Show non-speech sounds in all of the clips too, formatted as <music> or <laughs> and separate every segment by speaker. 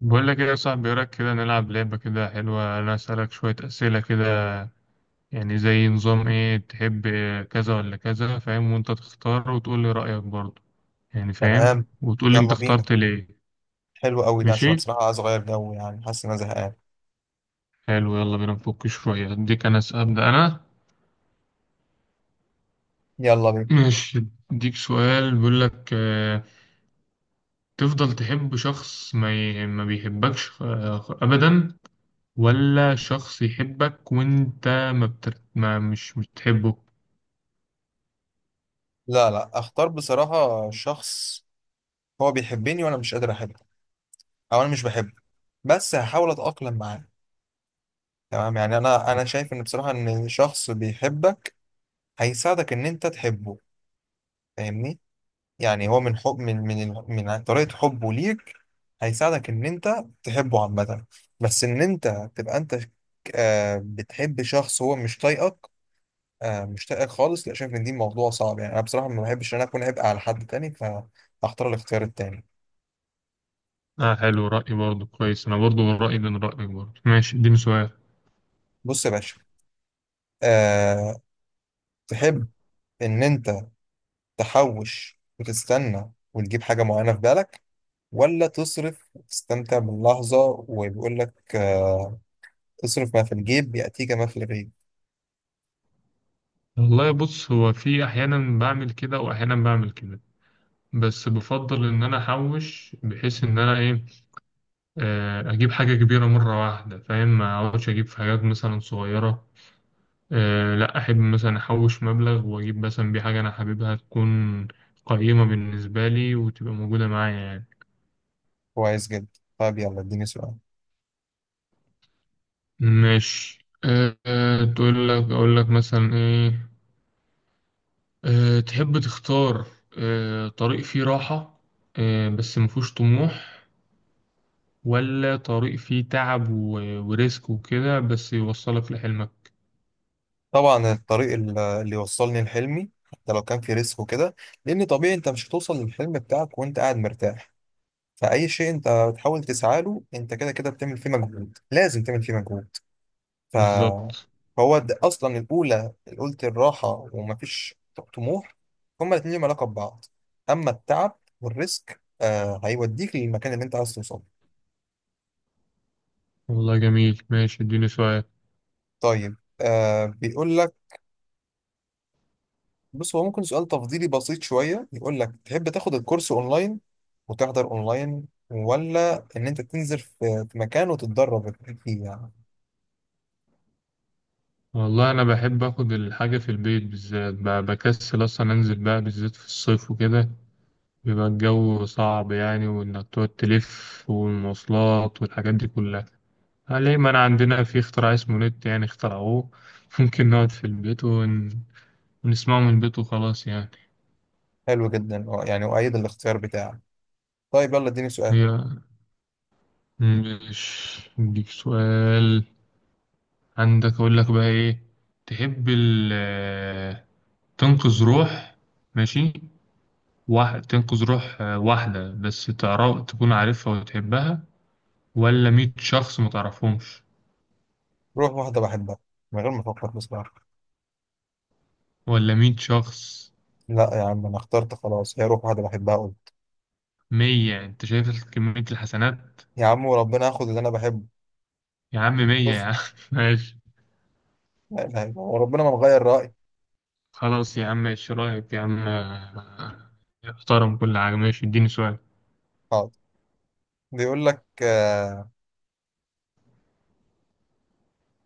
Speaker 1: بقول لك ايه يا صاحبي، إيه رايك كده نلعب لعبة كده حلوة؟ انا اسألك شوية اسئلة كده، يعني زي نظام ايه تحب، كذا ولا كذا، فاهم؟ وانت تختار وتقول لي رأيك برضه، يعني فاهم،
Speaker 2: تمام.
Speaker 1: وتقول لي انت
Speaker 2: يلا بينا.
Speaker 1: اخترت ليه.
Speaker 2: حلو قوي ده، عشان أنا
Speaker 1: ماشي،
Speaker 2: بصراحة عايز أغير جو، يعني حاسس إن أنا زهقان.
Speaker 1: حلو، يلا بينا نفك شوية. اديك انا ابدأ انا.
Speaker 2: يلا بينا.
Speaker 1: ماشي، اديك سؤال بيقول لك تفضل تحب شخص ما ما بيحبكش، ابدا، ولا شخص يحبك وانت ما مش بتحبه؟
Speaker 2: لا، لا، أختار بصراحة شخص هو بيحبني وأنا مش قادر أحبه، أو أنا مش بحبه، بس هحاول أتأقلم معاه. تمام، يعني أنا شايف إن بصراحة إن شخص بيحبك هيساعدك إن أنت تحبه. فاهمني؟ يعني هو من حب، من طريقة حبه ليك هيساعدك إن أنت تحبه عامة. بس إن أنت تبقى أنت. بتحب شخص هو مش طايقك؟ مش لاقي خالص. لا، شايف ان دي موضوع صعب، يعني انا بصراحه ما بحبش ان انا اكون عبء على حد تاني. فاختار الاختيار التاني.
Speaker 1: اه، حلو، رأي برضه كويس، انا برضه من رأيي من رأيك برضه. ماشي اديني سؤال.
Speaker 2: بص يا باشا. أه. تحب ان انت تحوش وتستنى وتجيب حاجه معينه في بالك، ولا تصرف وتستمتع باللحظه؟ وبيقول لك أه، اصرف ما في الجيب ياتيك ما في الغيب.
Speaker 1: والله بص، هو في احيانا بعمل كده واحيانا بعمل كده، بس بفضل ان انا احوش، بحيث ان انا ايه، اجيب حاجة كبيرة مرة واحدة، فاهم؟ ما اقعدش اجيب في حاجات مثلا صغيرة. أه، لا احب مثلا احوش مبلغ واجيب مثلا بيه حاجة انا حاببها، تكون قيمة بالنسبة لي وتبقى موجودة معايا يعني.
Speaker 2: كويس جدا. طيب، يلا اديني سؤال.
Speaker 1: ماشي، أه، تقول لك اقول لك مثلا ايه، أه، تحب تختار أه طريق فيه راحة أه بس مفهوش طموح، ولا طريق فيه تعب وريسك وكده بس يوصلك لحلمك؟
Speaker 2: طبعا الطريق اللي يوصلني لحلمي حتى لو كان في ريسك وكده. لان طبيعي انت مش هتوصل للحلم بتاعك وانت قاعد مرتاح. فأي شيء أنت بتحاول تسعى له، أنت كده كده بتعمل فيه مجهود، لازم تعمل فيه مجهود. ف
Speaker 1: بالظبط.
Speaker 2: فهو ده أصلا الأولى. قلت الراحة ومفيش طموح. هما الاتنين ليهم علاقة ببعض. أما التعب والريسك، هيوديك للمكان اللي أنت عايز توصله.
Speaker 1: والله جميل، ماشي اديني سؤال.
Speaker 2: طيب، بيقول لك. بص هو ممكن سؤال تفضيلي بسيط شوية، يقول لك تحب تاخد الكورس أونلاين وتحضر أونلاين، ولا إن أنت تنزل في مكان وتتدرب فيه يعني؟
Speaker 1: والله أنا بحب أخد الحاجة في البيت، بالذات بكسل أصلا أنزل بقى، بالذات في الصيف وكده بيبقى الجو صعب يعني، وإنك تقعد تلف والمواصلات والحاجات دي كلها ليه؟ ما أنا عندنا في اختراع اسمه نت، يعني اخترعوه <laughs> ممكن نقعد في البيت بنسمعه من البيت وخلاص يعني.
Speaker 2: حلو جدا. يعني أؤيد الاختيار بتاعك. طيب يلا اديني سؤال.
Speaker 1: هي مش اديك سؤال عندك، اقول لك بقى ايه، تحب ال تنقذ روح، ماشي، واحد تنقذ روح واحدة بس تعرف، تكون عارفها وتحبها، ولا مية شخص ما تعرفهمش؟
Speaker 2: روح واحدة بحبها، من غير ما أفكر بصراحة.
Speaker 1: ولا مية شخص؟
Speaker 2: لا يا عم، أنا اخترت خلاص. هي روح واحدة بحبها أقول.
Speaker 1: مية، انت شايف كمية الحسنات؟
Speaker 2: يا عم وربنا هاخد اللي أنا بحبه.
Speaker 1: يا عم مية يا
Speaker 2: بص.
Speaker 1: عم. <laughs> ماشي.
Speaker 2: لا إله إلا الله، وربنا ما نغير رأيي.
Speaker 1: خلاص يا عم، ايش رايك يا عم، احترم كل حاجة. ماشي اديني سؤال.
Speaker 2: حاضر. بيقول لك، آه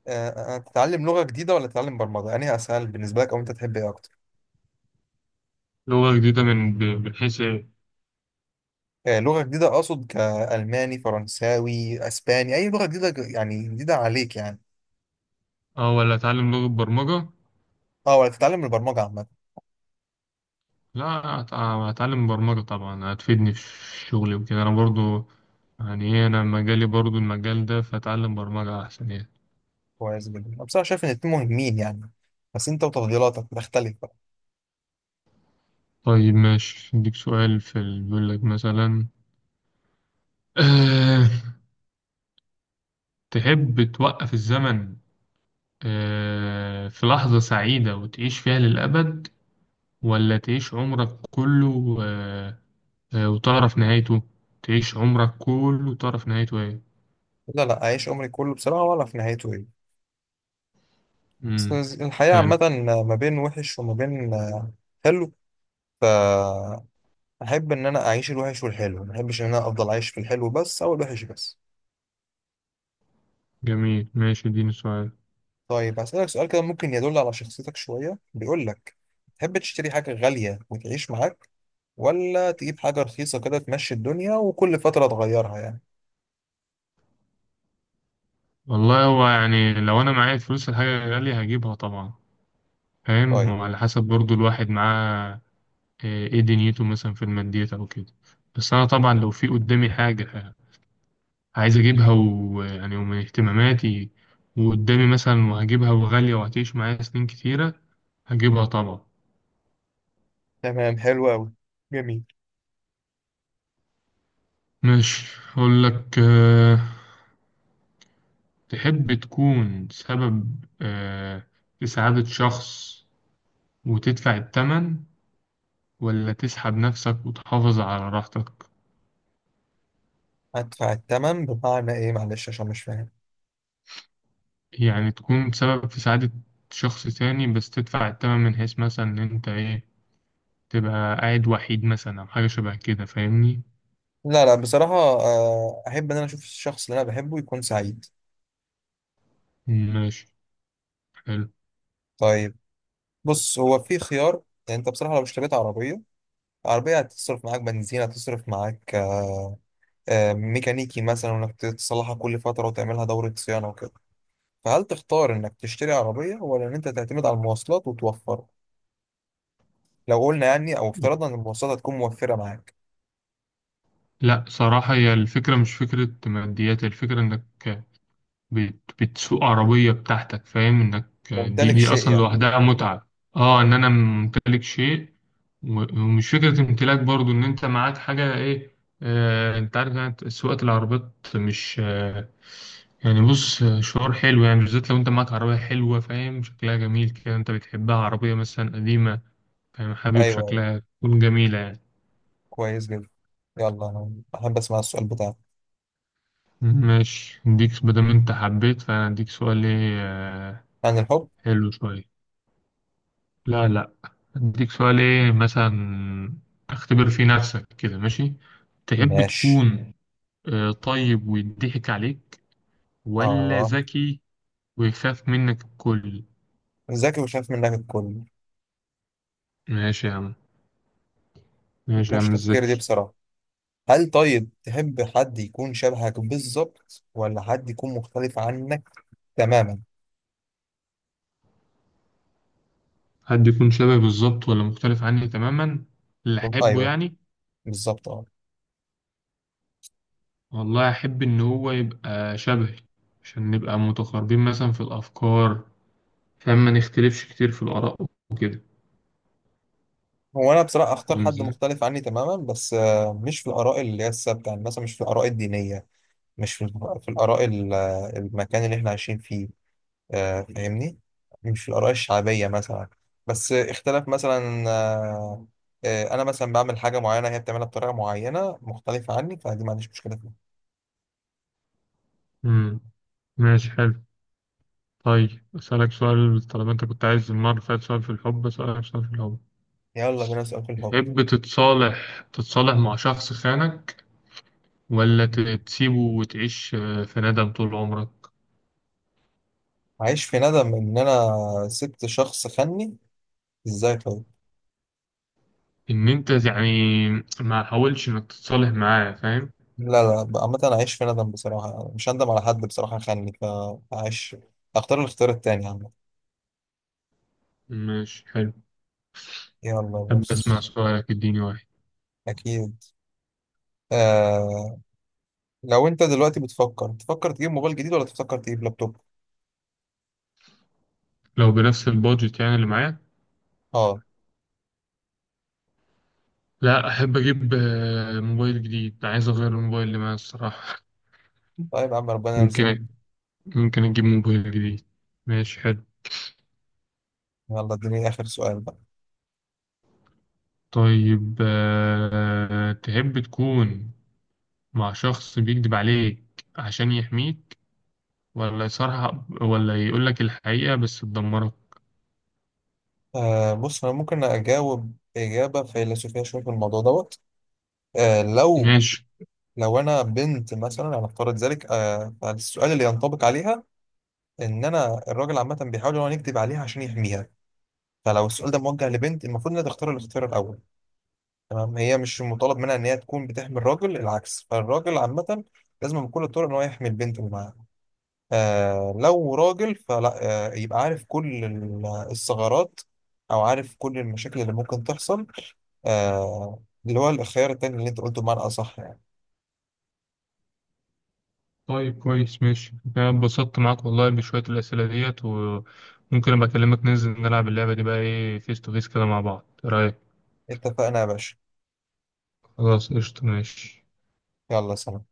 Speaker 2: آه آه، تتعلم لغة جديدة ولا تتعلم برمجة؟ يعني أسهل بالنسبة لك، أو أنت تحب إيه أكتر؟
Speaker 1: لغة جديدة من من حيث إيه؟
Speaker 2: لغة جديدة، أقصد كألماني فرنساوي أسباني، أي لغة جديدة يعني جديدة عليك يعني.
Speaker 1: أه ولا أتعلم لغة برمجة؟
Speaker 2: أه، ولا تتعلم البرمجة عامة؟
Speaker 1: لا، أتعلم برمجة طبعا، هتفيدني في شغلي وكده، أنا برضو يعني إيه، أنا مجالي برضو المجال ده، فأتعلم برمجة أحسن يعني.
Speaker 2: كويس جدا. أنا بصراحة شايف إن الاتنين مهمين يعني، بس أنت وتفضيلاتك بتختلف.
Speaker 1: طيب ماشي، أديك سؤال في بيقول لك مثلا، أه، تحب توقف الزمن أه في لحظة سعيدة وتعيش فيها للأبد، ولا تعيش عمرك كله أه وتعرف نهايته؟ تعيش عمرك كله وتعرف نهايته إيه؟
Speaker 2: لا، لا، أعيش عمري كله بصراحة وأعرف نهايته إيه. بس
Speaker 1: امم
Speaker 2: الحياة
Speaker 1: حلو.
Speaker 2: عامة ما بين وحش وما بين حلو. فأحب إن أنا أعيش الوحش والحلو، ما أحبش إن أنا أفضل عايش في الحلو بس أو الوحش بس.
Speaker 1: جميل ماشي اديني سؤال.
Speaker 2: طيب هسألك سؤال كده ممكن يدل على شخصيتك شوية، بيقول لك تحب تشتري حاجة غالية وتعيش معاك، ولا تجيب حاجة رخيصة كده تمشي الدنيا وكل فترة تغيرها يعني؟
Speaker 1: والله هو يعني لو انا معايا فلوس، الحاجة غالية هجيبها طبعا، فاهم؟
Speaker 2: طيب.
Speaker 1: وعلى حسب برضو الواحد معاه ايه دنيته، مثلا في الماديات او كده، بس انا طبعا لو في قدامي حاجة عايز اجيبها ويعني ومن اهتماماتي وقدامي مثلا، وهجيبها وغالية وهتعيش معايا سنين كتيرة، هجيبها طبعا.
Speaker 2: تمام. حلو أوي. جميل.
Speaker 1: ماشي اقول لك تحب تكون سبب في سعادة شخص وتدفع التمن، ولا تسحب نفسك وتحافظ على راحتك؟
Speaker 2: أدفع التمن بمعنى إيه؟ معلش عشان مش فاهم.
Speaker 1: يعني تكون سبب في سعادة شخص تاني، بس تدفع التمن من حيث مثلا إن أنت إيه، تبقى قاعد وحيد مثلا أو حاجة شبه كده، فاهمني؟
Speaker 2: لا، لا، بصراحة أحب إن أنا أشوف الشخص اللي أنا بحبه يكون سعيد.
Speaker 1: ماشي حلو.
Speaker 2: طيب. بص هو في خيار، يعني أنت بصراحة لو اشتريت عربية هتصرف معاك بنزين، هتصرف معاك ميكانيكي مثلا، وإنك تصلحها كل فترة وتعملها دورة صيانة وكده. فهل تختار إنك تشتري عربية ولا إن أنت تعتمد على المواصلات وتوفر، لو قلنا يعني أو افترضنا إن المواصلات هتكون موفرة معاك؟
Speaker 1: لا صراحة، هي الفكرة مش فكرة ماديات، الفكرة إنك بتسوق عربية بتاعتك، فاهم؟ انك دي
Speaker 2: ممتلك
Speaker 1: دي
Speaker 2: شيء
Speaker 1: اصلا
Speaker 2: يعني.
Speaker 1: لوحدها متعة، اه ان انا ممتلك شيء، ومش فكرة امتلاك برضو، ان انت معاك حاجة ايه، آه انت عارف يعني سواقة العربيات مش آه، يعني بص، شعور حلو يعني، بالذات لو انت معاك عربية حلوة، فاهم؟ شكلها جميل كده، انت بتحبها، عربية مثلا قديمة فاهم، حبيب
Speaker 2: أيوه، أيوه.
Speaker 1: شكلها تكون جميلة يعني.
Speaker 2: كويس جدا. يلا أنا أحب أسمع السؤال بتاعك.
Speaker 1: ماشي اديك، مادام انت حبيت فانا اديك سؤال ايه
Speaker 2: عن الحب.
Speaker 1: حلو شوية. لا لا، اديك سؤال ايه مثلا، اختبر في نفسك كده، ماشي؟ تحب
Speaker 2: ماشي.
Speaker 1: تكون طيب ويضحك عليك، ولا
Speaker 2: آه،
Speaker 1: ذكي ويخاف منك الكل؟
Speaker 2: ذكي وشاف منك الكل.
Speaker 1: ماشي يا عم، ماشي يا
Speaker 2: مفيهاش
Speaker 1: عم
Speaker 2: تفكير دي
Speaker 1: الذكي.
Speaker 2: بصراحة. هل طيب تحب حد يكون شبهك بالظبط، ولا حد يكون مختلف عنك تماما؟
Speaker 1: حد يكون شبه بالظبط ولا مختلف عني تماما، اللي احبه
Speaker 2: ايوه،
Speaker 1: يعني؟
Speaker 2: بالظبط اه.
Speaker 1: والله احب ان هو يبقى شبهي، عشان نبقى متقاربين مثلا في الافكار، فما نختلفش كتير في الاراء وكده.
Speaker 2: هو انا بصراحة اختار
Speaker 1: فاهم
Speaker 2: حد
Speaker 1: ازاي؟
Speaker 2: مختلف عني تماما، بس مش في الاراء اللي هي الثابتة، يعني مثلا مش في الاراء الدينية. مش في الاراء المكان اللي احنا عايشين فيه. فاهمني؟ مش في الاراء الشعبية مثلا. بس اختلاف مثلا، انا مثلا بعمل حاجه معينه هي بتعملها بطريقه معينه مختلفه عني، فدي ما عنديش مشكله فيها.
Speaker 1: مم. ماشي حلو، طيب، أسألك سؤال طالما أنت كنت عايز المرة اللي فاتت سؤال في الحب، أسألك سؤال في الحب.
Speaker 2: يلا بينا نسأل في الحب.
Speaker 1: تحب تتصالح مع شخص خانك، ولا تسيبه وتعيش في ندم طول عمرك؟
Speaker 2: عايش في ندم إن أنا سبت شخص خني؟ إزاي طيب؟
Speaker 1: إن أنت يعني ما حاولش إنك تتصالح معاه، فاهم؟
Speaker 2: لا، لا، عامة أنا عايش في ندم بصراحة، مش هندم على حد بصراحة خني، فعايش، أختار الاختيار التاني عامة.
Speaker 1: ماشي حلو،
Speaker 2: يلا
Speaker 1: أحب أسمع
Speaker 2: بس.
Speaker 1: سؤالك، اديني واحد.
Speaker 2: أكيد. آه... لو أنت دلوقتي بتفكر تجيب موبايل جديد، ولا تفكر تجيب لابتوب؟
Speaker 1: لو بنفس البادجت يعني اللي معايا؟
Speaker 2: أه.
Speaker 1: لا، أحب أجيب موبايل جديد، عايز أغير الموبايل اللي معايا الصراحة.
Speaker 2: طيب يا عم
Speaker 1: <laughs>
Speaker 2: ربنا يرزقك.
Speaker 1: ممكن، ممكن أجيب موبايل جديد. ماشي حلو.
Speaker 2: يلا اديني آخر سؤال بقى.
Speaker 1: طيب تحب تكون مع شخص بيكذب عليك عشان يحميك، ولا يصارحك ولا يقولك الحقيقة بس تدمرك؟
Speaker 2: بص أنا ممكن أجاوب إجابة فيلسوفية شوية في الموضوع دوت. آه لو
Speaker 1: ماشي.
Speaker 2: لو انا بنت مثلا، هنفترض ذلك، فالسؤال اللي ينطبق عليها ان انا الراجل عامه بيحاول ان هو يكذب عليها عشان يحميها. فلو السؤال ده موجه لبنت المفروض انها تختار الاختيار الاول. تمام، هي مش مطالب منها ان هي تكون بتحمي الراجل، العكس. فالراجل عامه لازم بكل الطرق ان هو يحمي البنت اللي معاه. لو راجل فلا. يبقى عارف كل الثغرات او عارف كل المشاكل اللي ممكن تحصل. آه اللي هو الخيار التاني اللي انت قلته بمعنى اصح يعني.
Speaker 1: طيب كويس ماشي، أنا اتبسطت معاك والله بشوية الأسئلة ديت، وممكن أبقى أكلمك ننزل نلعب اللعبة دي بقى، إيه فيس تو فيس كده مع بعض، إيه رأيك؟
Speaker 2: اتفقنا يا باشا.
Speaker 1: خلاص قشطة، ماشي.
Speaker 2: يلا سلام.